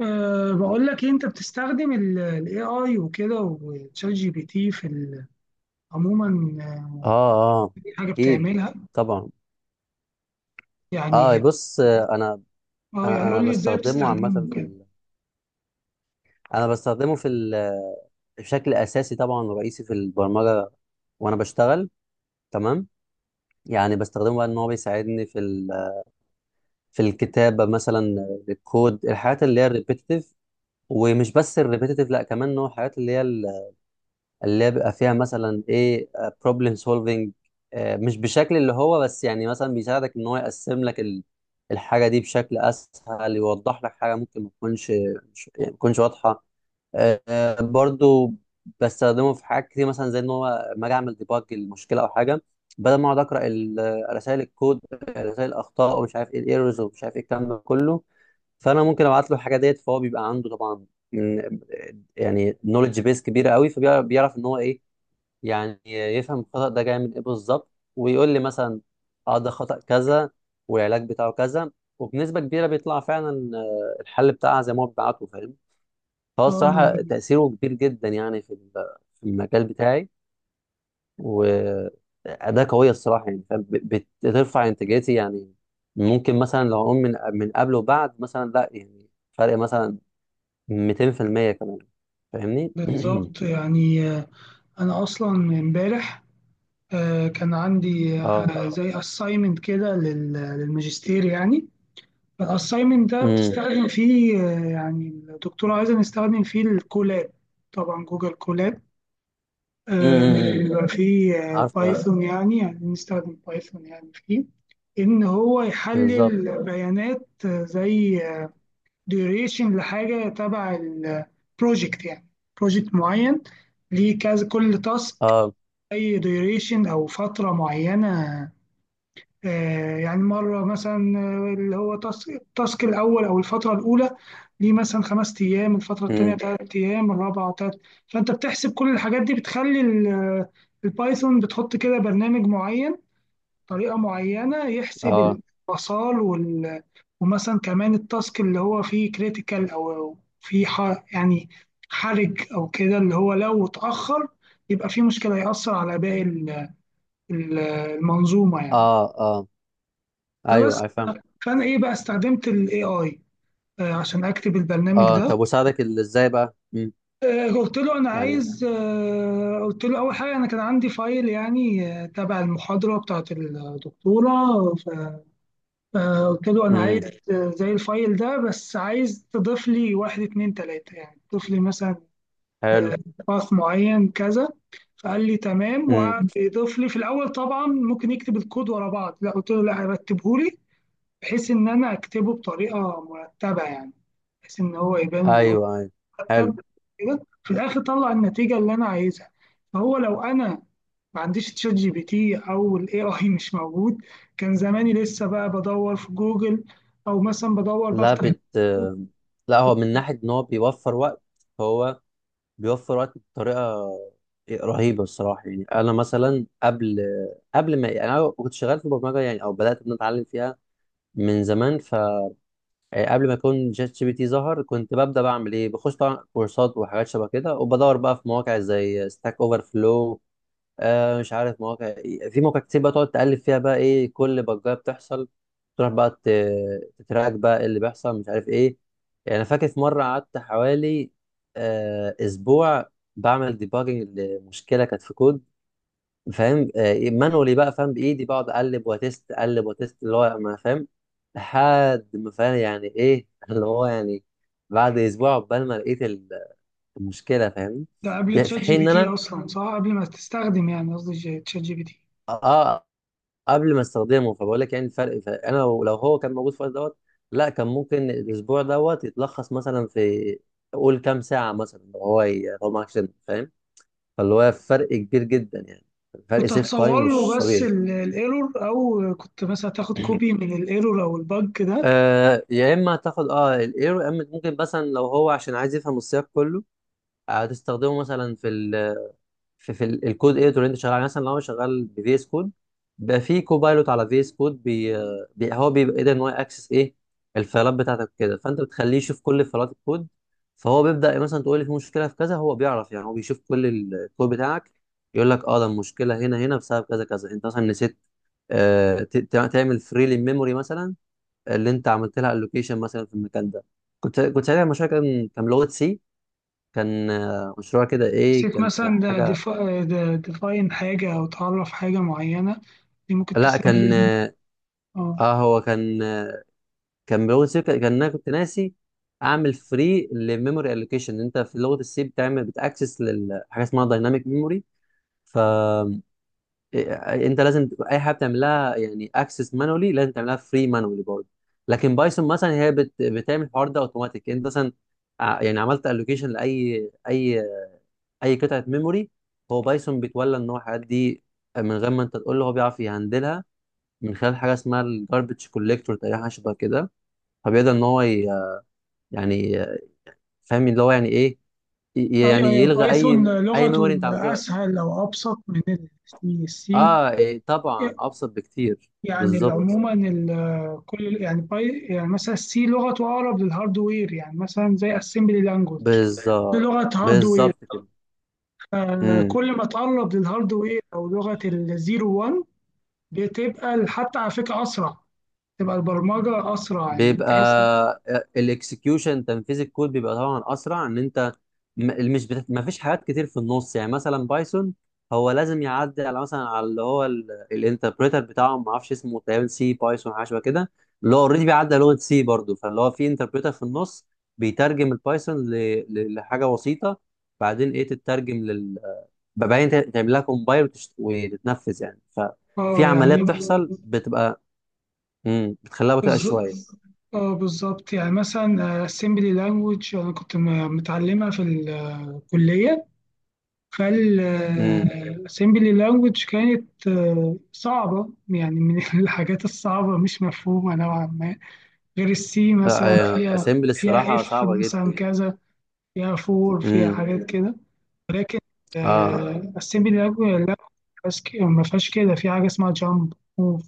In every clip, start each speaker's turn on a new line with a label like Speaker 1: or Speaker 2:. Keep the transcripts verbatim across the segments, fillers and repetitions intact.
Speaker 1: أه بقول لك إيه، انت بتستخدم الاي اي وكده وتشات جي بي تي في ال- عموما. آه،
Speaker 2: اه اه
Speaker 1: في حاجه
Speaker 2: اكيد،
Speaker 1: بتعملها
Speaker 2: طبعا. اه
Speaker 1: يعني.
Speaker 2: بص، آه، انا
Speaker 1: اه
Speaker 2: انا
Speaker 1: يعني
Speaker 2: أنا
Speaker 1: قول لي ازاي
Speaker 2: بستخدمه عامه
Speaker 1: بتستخدمه
Speaker 2: في
Speaker 1: كده.
Speaker 2: ال... انا بستخدمه في ال... بشكل اساسي طبعا ورئيسي في البرمجه، وانا بشتغل. تمام. يعني بستخدمه بقى ان هو بيساعدني في ال... في الكتابه مثلا، آه، الكود، الحاجات اللي هي الريبيتيتيف. ومش بس الريبيتيتيف، لا، كمان ان هو الحاجات اللي هي اللي هي بيبقى فيها مثلا ايه؟ بروبلم سولفنج. مش بشكل اللي هو بس، يعني مثلا بيساعدك ان هو يقسم لك ال- الحاجه دي بشكل اسهل، يوضح لك حاجه ممكن ما تكونش مش- يعني ما تكونش واضحه. آه، آه، برضو بستخدمه في حاجات كتير، مثلا زي ان هو لما اجي اعمل ديباج المشكله او حاجه، بدل ما اقعد اقرا رسائل الكود، رسائل الاخطاء، ومش عارف ايه الايرورز ومش عارف ايه الكلام ده كله. فانا ممكن ابعت له الحاجه ديت، فهو بيبقى عنده طبعا م- يعني نولج بيس كبيره قوي، فبيعرف ان هو ايه، يعني يفهم الخطأ ده جاي من ايه بالظبط، ويقول لي مثلا اه ده خطأ كذا والعلاج بتاعه كذا. وبنسبة كبيرة بيطلع فعلا آه، الحل بتاعها زي ما هو بيبعته، فاهم؟ فهو
Speaker 1: اه أنا
Speaker 2: الصراحة تأثيره كبير جدا يعني في ال- في المجال بتاعي. وأداة قوية الصراحة، يعني فاهم؟ بت- بترفع إنتاجيتي يعني. ممكن مثلا لو أقول من من قبل وبعد، مثلا لا يعني فرق مثلا مئتين في المية كمان، فاهمني؟
Speaker 1: بالظبط يعني. آه، انا اصلا امبارح، آه، كان عندي
Speaker 2: اه.
Speaker 1: آه، زي اساينمنت كده لل- للماجستير يعني. الاساينمنت ده
Speaker 2: امم
Speaker 1: بتستخدم فيه، آه، يعني الدكتور عايزة نستخدم فيه الكولاب، طبعا جوجل كولاب.
Speaker 2: امم،
Speaker 1: آه،
Speaker 2: امم، امم.
Speaker 1: بيبقى فيه آه،
Speaker 2: عارفه، اه.
Speaker 1: بايثون يعني يعني بنستخدم بايثون يعني، فيه إن هو
Speaker 2: بالظبط.
Speaker 1: يحلل بيانات، آه، زي ديوريشن لحاجة تبع البروجكت يعني، بروجكت معين ليه كذا كل تاسك،
Speaker 2: اه.
Speaker 1: أي ديوريشن أو فترة معينة. آه، يعني مرة مثلا، آه، اللي هو تاسك التاسك الأول أو الفترة الأولى ليه مثلا خمس أيام، الفترة التانية
Speaker 2: امم.
Speaker 1: تلات أيام، الرابعة تلات. فأنت بتحسب كل الحاجات دي، بتخلي ال- البايثون، بتحط كده برنامج معين، طريقة معينة
Speaker 2: اه
Speaker 1: يحسب الوصال وال... ومثلا كمان التاسك اللي هو فيه كريتيكال، أو أو فيه ح... يعني حرج أو كده، اللي هو لو اتأخر يبقى فيه مشكلة، هيأثر على باقي ال- ال- المنظومة يعني.
Speaker 2: اه اه.
Speaker 1: فبس.
Speaker 2: ايوه، افهم.
Speaker 1: فانا ايه بقى استخدمت الاي اي عشان اكتب البرنامج
Speaker 2: اه
Speaker 1: ده.
Speaker 2: طب وساعدك ال- ازاي بقى؟ امم.
Speaker 1: آه، قلت له انا
Speaker 2: يعني.
Speaker 1: عايز، آه، قلت له اول حاجه انا كان عندي فايل يعني، آه، تبع المحاضره بتاعت الدكتوره. ف- فقلت له انا عايز
Speaker 2: امم.
Speaker 1: آه، زي الفايل ده، بس عايز تضيف لي واحد اتنين تلاته، يعني تضيف لي مثلا
Speaker 2: حلو.
Speaker 1: آه، باث معين كذا. فقال لي تمام،
Speaker 2: امم.
Speaker 1: وقعد يضيف لي في الاول. طبعا ممكن يكتب الكود ورا بعض، لا قلت له لا رتبه لي بحيث ان انا اكتبه بطريقه مرتبه يعني، بحيث ان هو يبان ان هو
Speaker 2: ايوه ايوه. حلو.
Speaker 1: مرتب كده. في الاخر طلع النتيجه اللي انا عايزها. فهو لو انا ما عنديش تشات جي بي تي او الاي اي مش موجود، كان زماني لسه بقى بدور في جوجل، او مثلا بدور
Speaker 2: لا
Speaker 1: بفتح.
Speaker 2: بت لا، هو من ناحيه ان هو بيوفر وقت، هو بيوفر وقت بطريقه رهيبه الصراحه. يعني انا مثلا قبل، قبل ما يعني انا كنت شغال في البرمجه يعني، او بدات ان أنا اتعلم فيها من زمان. ف آه، قبل ما يكون شات جي بي تي ظهر كنت ببدا بعمل ايه، بخش طبعا كورسات وحاجات شبه كده، وبدور بقى في مواقع زي ستاك اوفر فلو، آه مش عارف مواقع إيه. في مواقع كتير بقى تقعد تقلب فيها بقى ايه كل بجايه بتحصل، تروح بقى ت- تتراك بقى إيه اللي بيحصل مش عارف ايه. يعني انا فاكر في مره قعدت حوالي آه اسبوع بعمل ديباجنج لمشكله كانت في كود، فاهم؟ آه، مانولي بقى فاهم، بايدي بقعد اقلب واتست، اقلب واتست، اللي هو ما فاهم لحد ما فاهم يعني ايه اللي هو يعني بعد اسبوع عقبال ما لقيت ال- المشكله، فاهم؟
Speaker 1: ده قبل
Speaker 2: ب- في
Speaker 1: تشات جي
Speaker 2: حين
Speaker 1: بي
Speaker 2: ان
Speaker 1: تي
Speaker 2: انا،
Speaker 1: اصلا، صح؟ قبل ما تستخدم، يعني قصدي ج- تشات جي بي تي.
Speaker 2: اه، قبل ما استخدمه. فبقول لك يعني الفرق، ف- انا لو لو هو كان موجود في الوقت دوت، لا كان ممكن الاسبوع دوت يتلخص مثلا في قول كام ساعه مثلا، لو هو ي- لو معكش، فاهم؟ فاللي هو فرق كبير جدا يعني. فرق
Speaker 1: كنت
Speaker 2: سيف
Speaker 1: هتصور
Speaker 2: تايم
Speaker 1: له
Speaker 2: مش
Speaker 1: بس
Speaker 2: طبيعي.
Speaker 1: ال- الايرور، او كنت مثلا تاخد كوبي من الايرور او البج ده.
Speaker 2: آه يا اما هتاخد اه الايرو، يا اما ممكن مثلا لو هو عشان عايز يفهم السياق كله، آه، هتستخدمه مثلا في ال في, في ال- الكود اديتور اللي انت شغال عليه. مثلا لو انا شغال بفي اس كود، بقى في كوبايلوت على في اس كود بي آه، بي- هو بيبقى قادر ان هو اكسس ايه الفايلات بتاعتك كده، فانت بتخليه يشوف كل فايلات الكود. فهو بيبدا مثلا تقول لي في مشكله في كذا، هو بيعرف يعني، هو بيشوف كل ال- الكود بتاعك يقول لك اه ده المشكله هنا هنا بسبب كذا كذا، انت مثلا نسيت آه ت- ت- تعمل فري للميموري مثلا اللي انت عملت لها الوكيشن مثلا في المكان ده. كنت كنت ساعتها المشروع كان كان لغه سي. كان آه، مشروع كده ايه،
Speaker 1: نسيت
Speaker 2: كان في
Speaker 1: مثلا ده
Speaker 2: حاجه.
Speaker 1: ديفاين حاجه، او تعرف حاجه معينه، دي ممكن
Speaker 2: لا كان
Speaker 1: تسبب.
Speaker 2: اه
Speaker 1: اه
Speaker 2: آه، هو كان آه، كان بلغه سي، كان كان انا كنت ناسي اعمل فري للميموري الوكيشن. انت في لغه السي بتعمل بتاكسس لحاجه اسمها دايناميك ميموري. ف إيه- انت لازم تبقى اي حاجه بتعملها يعني اكسس مانولي لازم تعملها فري مانولي برضه. لكن بايثون مثلا هي بت... بتعمل الحوار ده اوتوماتيك. انت مثلا ع- يعني عملت الوكيشن لاي اي اي قطعه ميموري، هو بايثون بيتولى ان هو الحاجات دي من غير ما انت تقول له، هو بيعرف يهندلها من خلال حاجه اسمها الجاربج كوليكتور تقريبا، حاجه شبه كده. فبيقدر ان هو ي- يعني فاهم اللي هو يعني ايه، ي-
Speaker 1: ايوه
Speaker 2: يعني
Speaker 1: ايوه،
Speaker 2: يلغى
Speaker 1: بايثون
Speaker 2: اي اي
Speaker 1: لغته
Speaker 2: ميموري انت عملته له.
Speaker 1: اسهل او ابسط من السي السي.
Speaker 2: اه إيه طبعا ابسط بكتير.
Speaker 1: يعني ال-
Speaker 2: بالظبط.
Speaker 1: عموما ال- كل يعني باي، يعني مثلا السي لغته اقرب للهاردوير، يعني مثلا زي اسمبلي لانجوج، دي
Speaker 2: بالظبط.
Speaker 1: لغه هاردوير.
Speaker 2: بالظبط كده.
Speaker 1: آه،
Speaker 2: إمم.
Speaker 1: كل ما تقرب للهاردوير او لغه الزيرو واحد، بتبقى ال- حتى على فكره اسرع، تبقى البرمجه اسرع. يعني
Speaker 2: بيبقى
Speaker 1: انت مثلا
Speaker 2: الاكسكيوشن، تنفيذ الكود بيبقى طبعا اسرع، ان انت م- مش بت... ما فيش حاجات كتير في النص. يعني مثلا بايثون هو لازم يعدي على مثلا على اللي هو الانتربريتر بتاعه، ما اعرفش اسمه تقريبا سي بايثون، حاجه شبه كده. اللي هو اوريدي بيعدي على لغه سي برضه، فاللي هو في انتربريتر في النص بيترجم البايثون ل... ل- لحاجه بسيطه. بعدين ايه تترجم لل، بعدين ت- تعمل لها كومبايل وتشت... وتتنفذ يعني. ففي
Speaker 1: اه
Speaker 2: عمليه
Speaker 1: يعني
Speaker 2: بتحصل بتبقى امم بتخليها بطيئه شويه.
Speaker 1: بالظ- اه بالظبط يعني، مثلا آه، assembly language انا كنت م- متعلمها في الكلية. فال آه، assembly language كانت آه، صعبة، يعني من الحاجات الصعبة، مش مفهومة نوعا ما، غير السي مثلا. فيها
Speaker 2: اسامبل
Speaker 1: فيها
Speaker 2: الصراحه
Speaker 1: اف
Speaker 2: صعبه
Speaker 1: مثلا
Speaker 2: جدا.
Speaker 1: كذا، فيها فور، فيها
Speaker 2: امم.
Speaker 1: حاجات كده. لكن
Speaker 2: اه
Speaker 1: آه، assembly language لا، ما فيهاش كده ما فيهاش كده. في حاجة اسمها jump، move،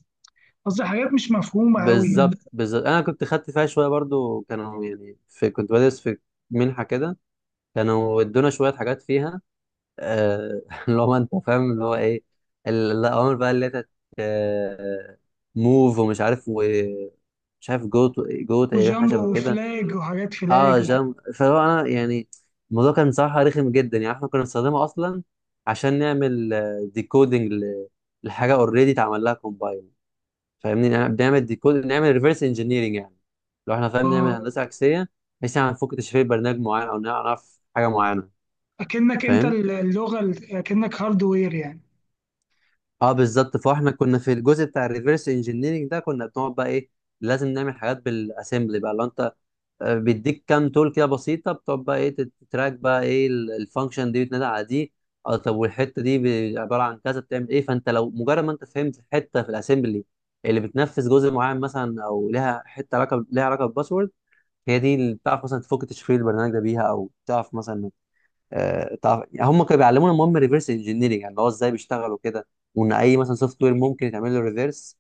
Speaker 1: قصدي حاجات مش مفهومة أوي يعني.
Speaker 2: بالظبط بالظبط، انا كنت خدت فيها شويه برضو، كانوا يعني في كنت بدرس في منحه كده، كانوا ادونا شويه حاجات فيها، آه اللي هو انت فاهم اللي هو ايه، ال- الاوامر بقى اللي هي موف ومش عارف ومش عارف جو جو تقريبا حاجه
Speaker 1: وجامبو
Speaker 2: شبه كده.
Speaker 1: وفلاج وحاجات فلاج
Speaker 2: اه
Speaker 1: و-.
Speaker 2: جام، فهو انا يعني الموضوع كان بصراحه رخم جدا. يعني احنا كنا بنستخدمه اصلا عشان نعمل ديكودنج لحاجه اوريدي اتعمل لها كومبايل، فاهمني؟ يعني بنعمل ديكود، نعمل ريفرس انجينيرنج يعني، لو احنا فاهم، نعمل
Speaker 1: اه
Speaker 2: هندسه عكسيه بحيث يعني نفك تشفير برنامج معين او نعرف حاجه معينه،
Speaker 1: اكنك انت
Speaker 2: فاهم؟
Speaker 1: ال- اللغه ال- اكنك هاردوير يعني.
Speaker 2: اه بالظبط. فاحنا كنا في الجزء بتاع الريفرس انجينيرنج ده كنا بنقعد بقى ايه، لازم نعمل حاجات بالاسمبلي بقى. لو انت آه، بيديك كام تول كده بسيطه، بتقعد بقى ايه تت- تتراك بقى ايه ال- الفانكشن دي بتنادى على دي، آه، طب والحته دي ب- عباره عن كذا بتعمل ايه. فانت لو مجرد ما انت فهمت حته في الاسمبلي اللي بتنفذ جزء معين مثلا، او لها حته علاقه لها علاقه بالباسورد، هي دي اللي بتعرف مثلا تفك تشفير البرنامج ده بيها، او تعرف مثلا آه، تعرف يعني. هم كانوا بيعلمونا المهم ريفرس انجينيرنج يعني، اللي هو ازاي بيشتغل وكده، وان اي مثلا سوفت وير ممكن يتعمل له ريفرس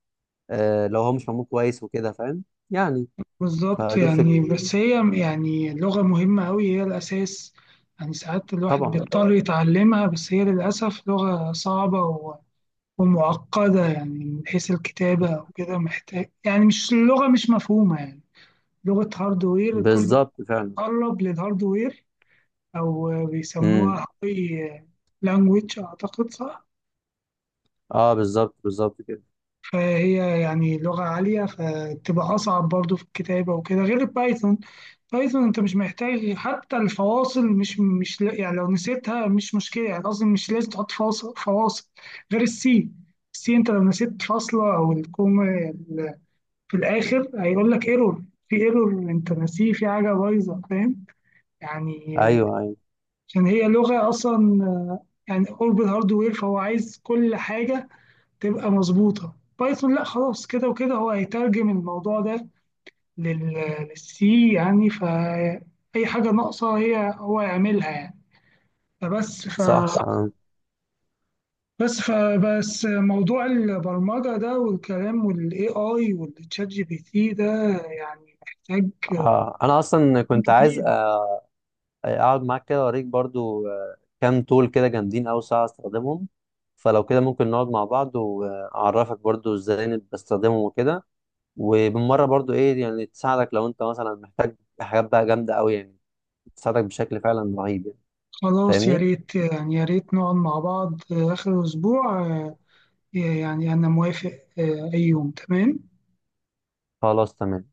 Speaker 2: آه لو هو مش معمول كويس وكده، فاهم يعني؟
Speaker 1: بالظبط
Speaker 2: فدي الفكره.
Speaker 1: يعني. بس هي يعني اللغه مهمه قوي، هي الاساس يعني. ساعات الواحد
Speaker 2: طبعا.
Speaker 1: بيضطر يتعلمها، بس هي للاسف لغه صعبه و- ومعقده يعني من حيث الكتابه وكده، محتاج يعني، مش اللغه مش مفهومه يعني، لغه هاردوير. الكل
Speaker 2: بالظبط فعلا.
Speaker 1: بيتقرب للهاردوير، او
Speaker 2: امم.
Speaker 1: بيسموها هاي لانجويج اعتقد، صح؟
Speaker 2: اه بالظبط بالظبط كده.
Speaker 1: فهي يعني لغة عالية، فتبقى أصعب برضو في الكتابة وكده، غير البايثون. بايثون أنت مش محتاج حتى الفواصل، مش مش لا- يعني لو نسيتها مش مشكلة، يعني قصدي مش لازم تحط فاصل فواصل غير السي. السي أنت لو نسيت فاصلة أو الكومة ال- في الآخر هيقول لك ايرور، في ايرور أنت ناسيه، في حاجة بايظة، فاهم يعني؟
Speaker 2: ايوه ايوه.
Speaker 1: عشان هي لغة أصلا يعني قرب الهاردوير، فهو عايز كل حاجة تبقى مظبوطة. بايثون لا، خلاص كده وكده هو هيترجم الموضوع ده لل- للسي يعني، فأي حاجة ناقصة هي هو يعملها يعني. فبس ف
Speaker 2: صح آه.
Speaker 1: بس فبس موضوع البرمجة ده والكلام والاي اي والتشات جي بي تي ده، يعني محتاج كلام
Speaker 2: آه. انا اصلا كنت عايز
Speaker 1: كتير.
Speaker 2: آه، اقعد معاك كده، اوريك برضو آه، كام تول كده جامدين اوي ساعه استخدمهم. فلو كده ممكن نقعد مع بعض واعرفك برضو ازاي إن بستخدمهم وكده، وبالمره برضو ايه يعني، تساعدك لو انت مثلا محتاج حاجات بقى جامده اوي يعني، تساعدك بشكل فعلا رهيب يعني،
Speaker 1: خلاص يا
Speaker 2: فاهمني؟
Speaker 1: ريت، يعني يا ريت نقعد مع بعض آخر أسبوع. آه، يعني أنا موافق. آه، أي يوم تمام.
Speaker 2: خلاص تمام.